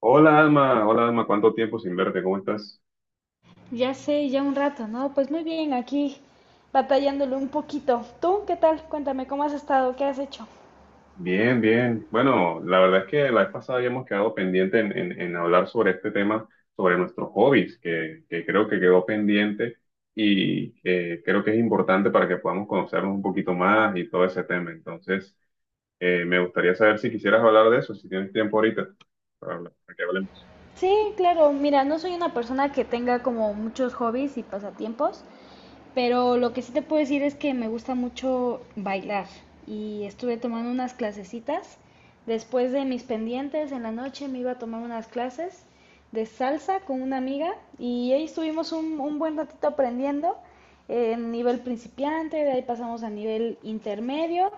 Hola Alma, ¿cuánto tiempo sin verte? ¿Cómo estás? Ya sé, ya un rato, ¿no? Pues muy bien, aquí batallándolo un poquito. ¿Tú qué tal? Cuéntame, ¿cómo has estado? ¿Qué has hecho? Bien, bien. Bueno, la verdad es que la vez pasada habíamos quedado pendiente en hablar sobre este tema, sobre nuestros hobbies, que creo que quedó pendiente y que creo que es importante para que podamos conocernos un poquito más y todo ese tema. Entonces, me gustaría saber si quisieras hablar de eso, si tienes tiempo ahorita para, para que hablemos. Sí, claro, mira, no soy una persona que tenga como muchos hobbies y pasatiempos, pero lo que sí te puedo decir es que me gusta mucho bailar y estuve tomando unas clasecitas. Después de mis pendientes en la noche me iba a tomar unas clases de salsa con una amiga y ahí estuvimos un buen ratito aprendiendo en nivel principiante. De ahí pasamos a nivel intermedio.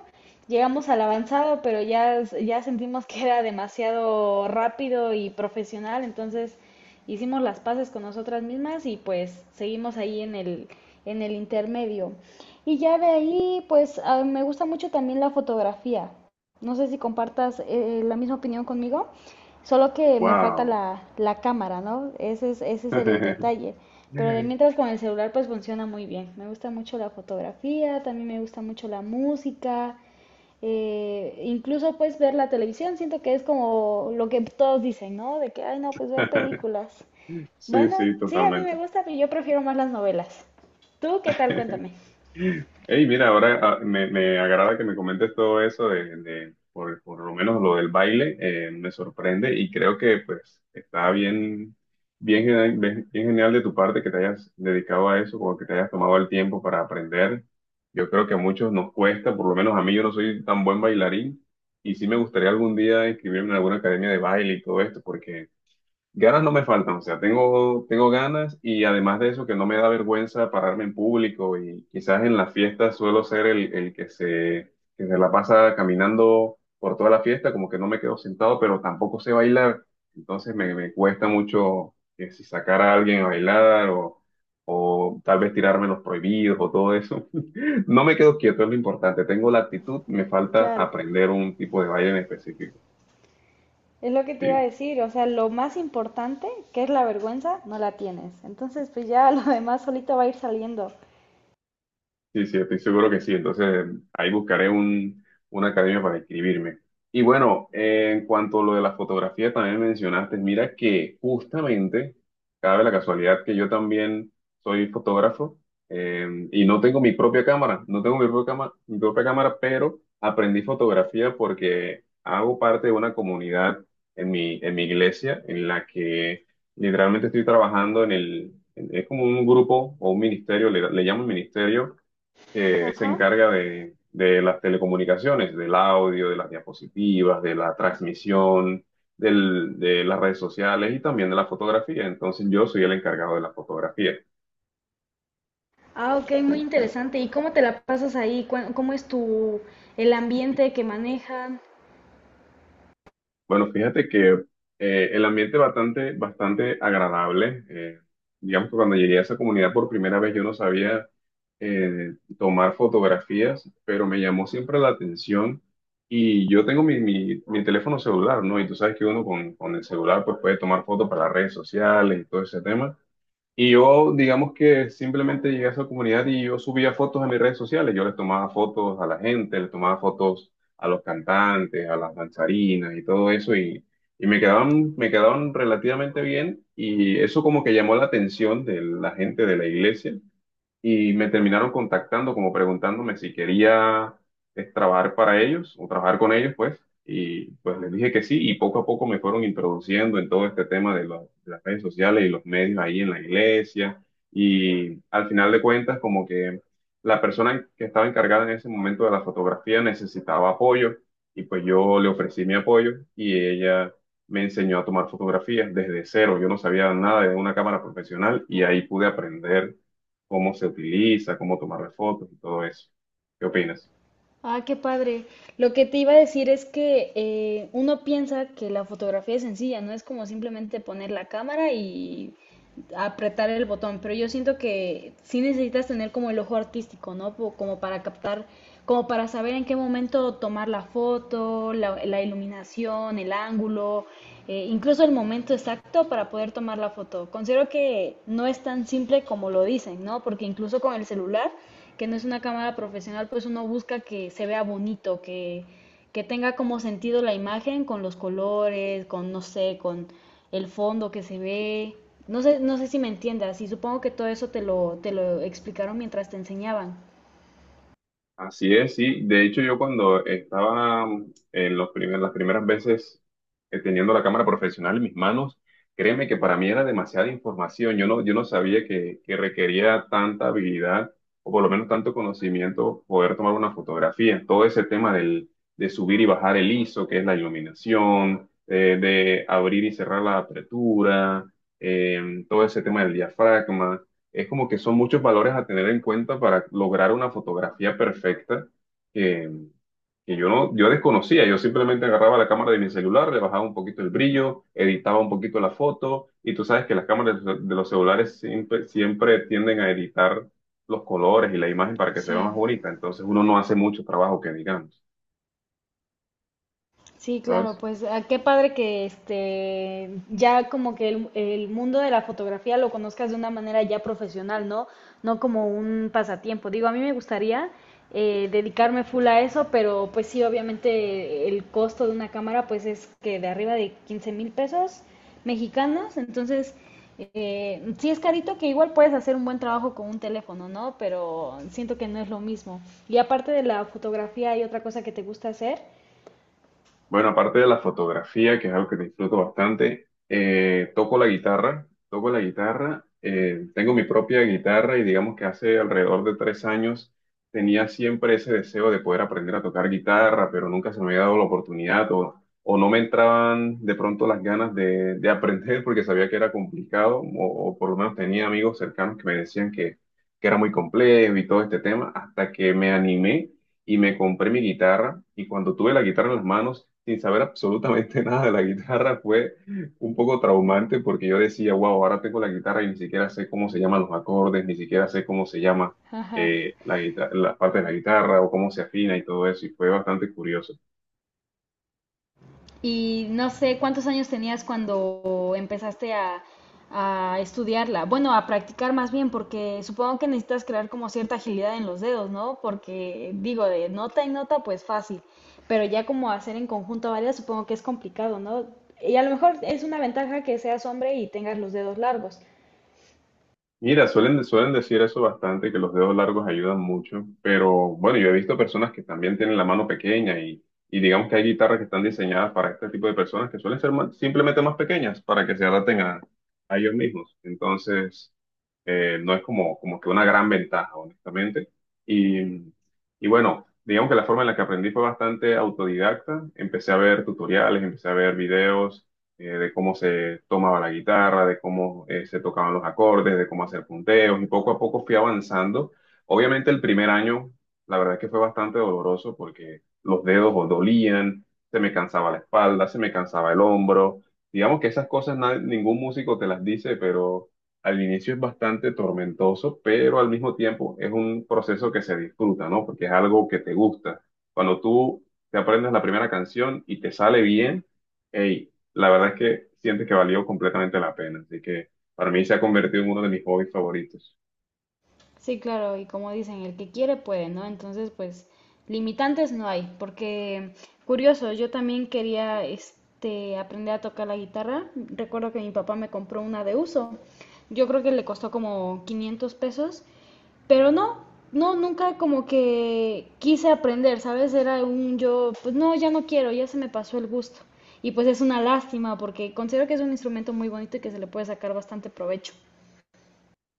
Llegamos al avanzado, pero ya, ya sentimos que era demasiado rápido y profesional, entonces hicimos las paces con nosotras mismas y pues seguimos ahí en el intermedio. Y ya de ahí, me gusta mucho también la fotografía. No sé si compartas la misma opinión conmigo, solo que me falta Wow. la cámara, ¿no? Ese es el detalle. Pero de mientras con el celular pues funciona muy bien. Me gusta mucho la fotografía, también me gusta mucho la música, incluso pues ver la televisión. Siento que es como lo que todos dicen, ¿no? De que, ay no, pues ver películas. Sí, Bueno, sí, sí, a mí me totalmente. gusta, pero yo prefiero más las novelas. ¿Tú qué tal? Cuéntame. Hey, mira, ahora me agrada que me comentes todo eso por lo menos lo del baile, me sorprende y creo que pues está bien, bien genial de tu parte que te hayas dedicado a eso, como que te hayas tomado el tiempo para aprender. Yo creo que a muchos nos cuesta, por lo menos a mí, yo no soy tan buen bailarín y sí me gustaría algún día inscribirme en alguna academia de baile y todo esto, porque ganas no me faltan. O sea, tengo ganas y además de eso que no me da vergüenza pararme en público, y quizás en las fiestas suelo ser el que se la pasa caminando por toda la fiesta, como que no me quedo sentado, pero tampoco sé bailar, entonces me cuesta mucho que si sacar a alguien a bailar o tal vez tirarme los prohibidos o todo eso. No me quedo quieto, es lo importante, tengo la actitud, me falta Claro. aprender un tipo de baile en específico. Es lo que te iba a Sí. decir, o sea, lo más importante, que es la vergüenza, no la tienes. Entonces, pues ya lo demás solito va a ir saliendo. Sí, sí, estoy seguro que sí. Entonces, ahí buscaré un, una academia para inscribirme. Y bueno, en cuanto a lo de la fotografía, también mencionaste, mira que justamente cabe la casualidad que yo también soy fotógrafo, y no tengo mi propia cámara, no tengo mi propia cámara, pero aprendí fotografía porque hago parte de una comunidad en mi iglesia en la que literalmente estoy trabajando en es como un grupo o un ministerio, le llamo ministerio que se Ajá. encarga de las telecomunicaciones, del audio, de las diapositivas, de la transmisión, de las redes sociales y también de la fotografía. Entonces yo soy el encargado de la fotografía. Ah, ok, muy interesante. ¿Y cómo te la pasas ahí? ¿Cómo es tu, el ambiente que manejan? Bueno, fíjate que el ambiente bastante, bastante agradable. Digamos que cuando llegué a esa comunidad por primera vez yo no sabía tomar fotografías, pero me llamó siempre la atención y yo tengo mi teléfono celular, ¿no? Y tú sabes que uno con el celular pues puede tomar fotos para las redes sociales y todo ese tema. Y yo, digamos que simplemente llegué a esa comunidad y yo subía fotos a mis redes sociales. Yo les tomaba fotos a la gente, les tomaba fotos a los cantantes, a las danzarinas y todo eso. Y me quedaban relativamente bien. Y eso como que llamó la atención de la gente de la iglesia y me terminaron contactando como preguntándome si quería trabajar para ellos o trabajar con ellos, pues, y pues les dije que sí y poco a poco me fueron introduciendo en todo este tema de las redes sociales y los medios ahí en la iglesia y al final de cuentas como que la persona que estaba encargada en ese momento de la fotografía necesitaba apoyo y pues yo le ofrecí mi apoyo y ella... Me enseñó a tomar fotografías desde cero. Yo no sabía nada de una cámara profesional y ahí pude aprender cómo se utiliza, cómo tomarle fotos y todo eso. ¿Qué opinas? Ah, qué padre. Lo que te iba a decir es que uno piensa que la fotografía es sencilla, no es como simplemente poner la cámara y apretar el botón, pero yo siento que sí necesitas tener como el ojo artístico, ¿no? Como para captar, como para saber en qué momento tomar la foto, la iluminación, el ángulo, incluso el momento exacto para poder tomar la foto. Considero que no es tan simple como lo dicen, ¿no? Porque incluso con el celular, que no es una cámara profesional, pues uno busca que se vea bonito, que tenga como sentido la imagen con los colores, con, no sé, con el fondo que se ve. No sé, no sé si me entiendas, y supongo que todo eso te lo explicaron mientras te enseñaban. Así es, sí. De hecho, yo cuando estaba en los las primeras veces teniendo la cámara profesional en mis manos, créeme que para mí era demasiada información. Yo no sabía que requería tanta habilidad o por lo menos tanto conocimiento poder tomar una fotografía. Todo ese tema de subir y bajar el ISO, que es la iluminación, de abrir y cerrar la apertura, todo ese tema del diafragma. Es como que son muchos valores a tener en cuenta para lograr una fotografía perfecta que, que yo no, yo desconocía. Yo simplemente agarraba la cámara de mi celular, le bajaba un poquito el brillo, editaba un poquito la foto, y tú sabes que las cámaras de los celulares siempre, siempre tienden a editar los colores y la imagen para que se vea Sí. más bonita. Entonces uno no hace mucho trabajo que digamos, Sí, claro, ¿sabes? pues ah, qué padre que este ya como que el mundo de la fotografía lo conozcas de una manera ya profesional, ¿no? No como un pasatiempo. Digo, a mí me gustaría dedicarme full a eso, pero pues sí, obviamente el costo de una cámara pues es que de arriba de 15 mil pesos mexicanos. Entonces sí es carito, que igual puedes hacer un buen trabajo con un teléfono, ¿no? Pero siento que no es lo mismo. Y aparte de la fotografía, ¿hay otra cosa que te gusta hacer? Bueno, aparte de la fotografía, que es algo que disfruto bastante, toco la guitarra, tengo mi propia guitarra y digamos que hace alrededor de 3 años tenía siempre ese deseo de poder aprender a tocar guitarra, pero nunca se me había dado la oportunidad o no me entraban de pronto las ganas de aprender porque sabía que era complicado o por lo menos tenía amigos cercanos que me decían que era muy complejo y todo este tema, hasta que me animé y me compré mi guitarra. Y cuando tuve la guitarra en las manos, sin saber absolutamente nada de la guitarra, fue un poco traumante porque yo decía, wow, ahora tengo la guitarra y ni siquiera sé cómo se llaman los acordes, ni siquiera sé cómo se llama Ajá. La parte de la guitarra o cómo se afina y todo eso, y fue bastante curioso. Y no sé cuántos años tenías cuando empezaste a estudiarla. Bueno, a practicar más bien, porque supongo que necesitas crear como cierta agilidad en los dedos, ¿no? Porque digo, de nota en nota, pues fácil. Pero ya como hacer en conjunto varias, supongo que es complicado, ¿no? Y a lo mejor es una ventaja que seas hombre y tengas los dedos largos. Mira, suelen, suelen decir eso bastante, que los dedos largos ayudan mucho, pero bueno, yo he visto personas que también tienen la mano pequeña y digamos que hay guitarras que están diseñadas para este tipo de personas que suelen ser simplemente más pequeñas para que se adapten a ellos mismos. Entonces, no es como, como que una gran ventaja, honestamente. Y, y bueno, digamos que la forma en la que aprendí fue bastante autodidacta. Empecé a ver tutoriales, empecé a ver videos, de cómo se tomaba la guitarra, de cómo se tocaban los acordes, de cómo hacer punteos y poco a poco fui avanzando. Obviamente el primer año, la verdad es que fue bastante doloroso porque los dedos o dolían, se me cansaba la espalda, se me cansaba el hombro. Digamos que esas cosas ningún músico te las dice, pero al inicio es bastante tormentoso, pero al mismo tiempo es un proceso que se disfruta, ¿no? Porque es algo que te gusta. Cuando tú te aprendes la primera canción y te sale bien, hey, la verdad es que siento que valió completamente la pena, así que para mí se ha convertido en uno de mis hobbies favoritos. Sí, claro, y como dicen, el que quiere puede, ¿no? Entonces, pues limitantes no hay, porque curioso, yo también quería este aprender a tocar la guitarra. Recuerdo que mi papá me compró una de uso. Yo creo que le costó como $500, pero no, no, nunca como que quise aprender, ¿sabes? Era un yo, pues no, ya no quiero, ya se me pasó el gusto. Y pues es una lástima porque considero que es un instrumento muy bonito y que se le puede sacar bastante provecho.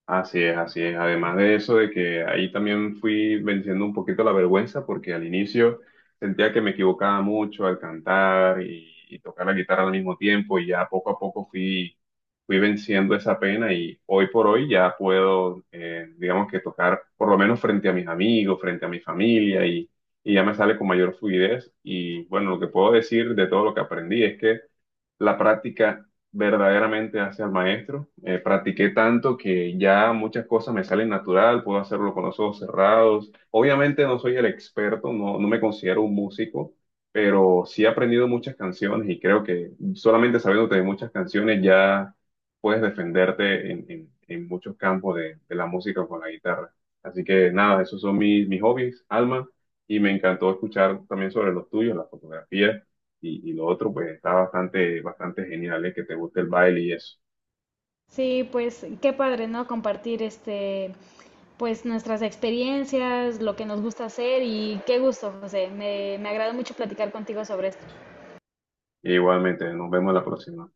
Así es, así es. Además de eso, de que ahí también fui venciendo un poquito la vergüenza, porque al inicio sentía que me equivocaba mucho al cantar y tocar la guitarra al mismo tiempo, y ya poco a poco fui venciendo esa pena y hoy por hoy ya puedo, digamos que tocar por lo menos frente a mis amigos, frente a mi familia, y ya me sale con mayor fluidez. Y bueno, lo que puedo decir de todo lo que aprendí es que la práctica verdaderamente hacia el maestro. Practiqué tanto que ya muchas cosas me salen natural, puedo hacerlo con los ojos cerrados. Obviamente no soy el experto, no, no me considero un músico, pero sí he aprendido muchas canciones y creo que solamente sabiéndote de muchas canciones ya puedes defenderte en muchos campos de la música con la guitarra. Así que nada, esos son mis, mis hobbies, Alma, y me encantó escuchar también sobre los tuyos, la fotografía. Y lo otro, pues está bastante, bastante genial, ¿eh? Que te guste el baile y eso. Sí, pues qué padre, ¿no? Compartir este, pues nuestras experiencias, lo que nos gusta hacer. Y qué gusto, José. Me agradó mucho platicar contigo sobre esto. Y igualmente, nos vemos la próxima.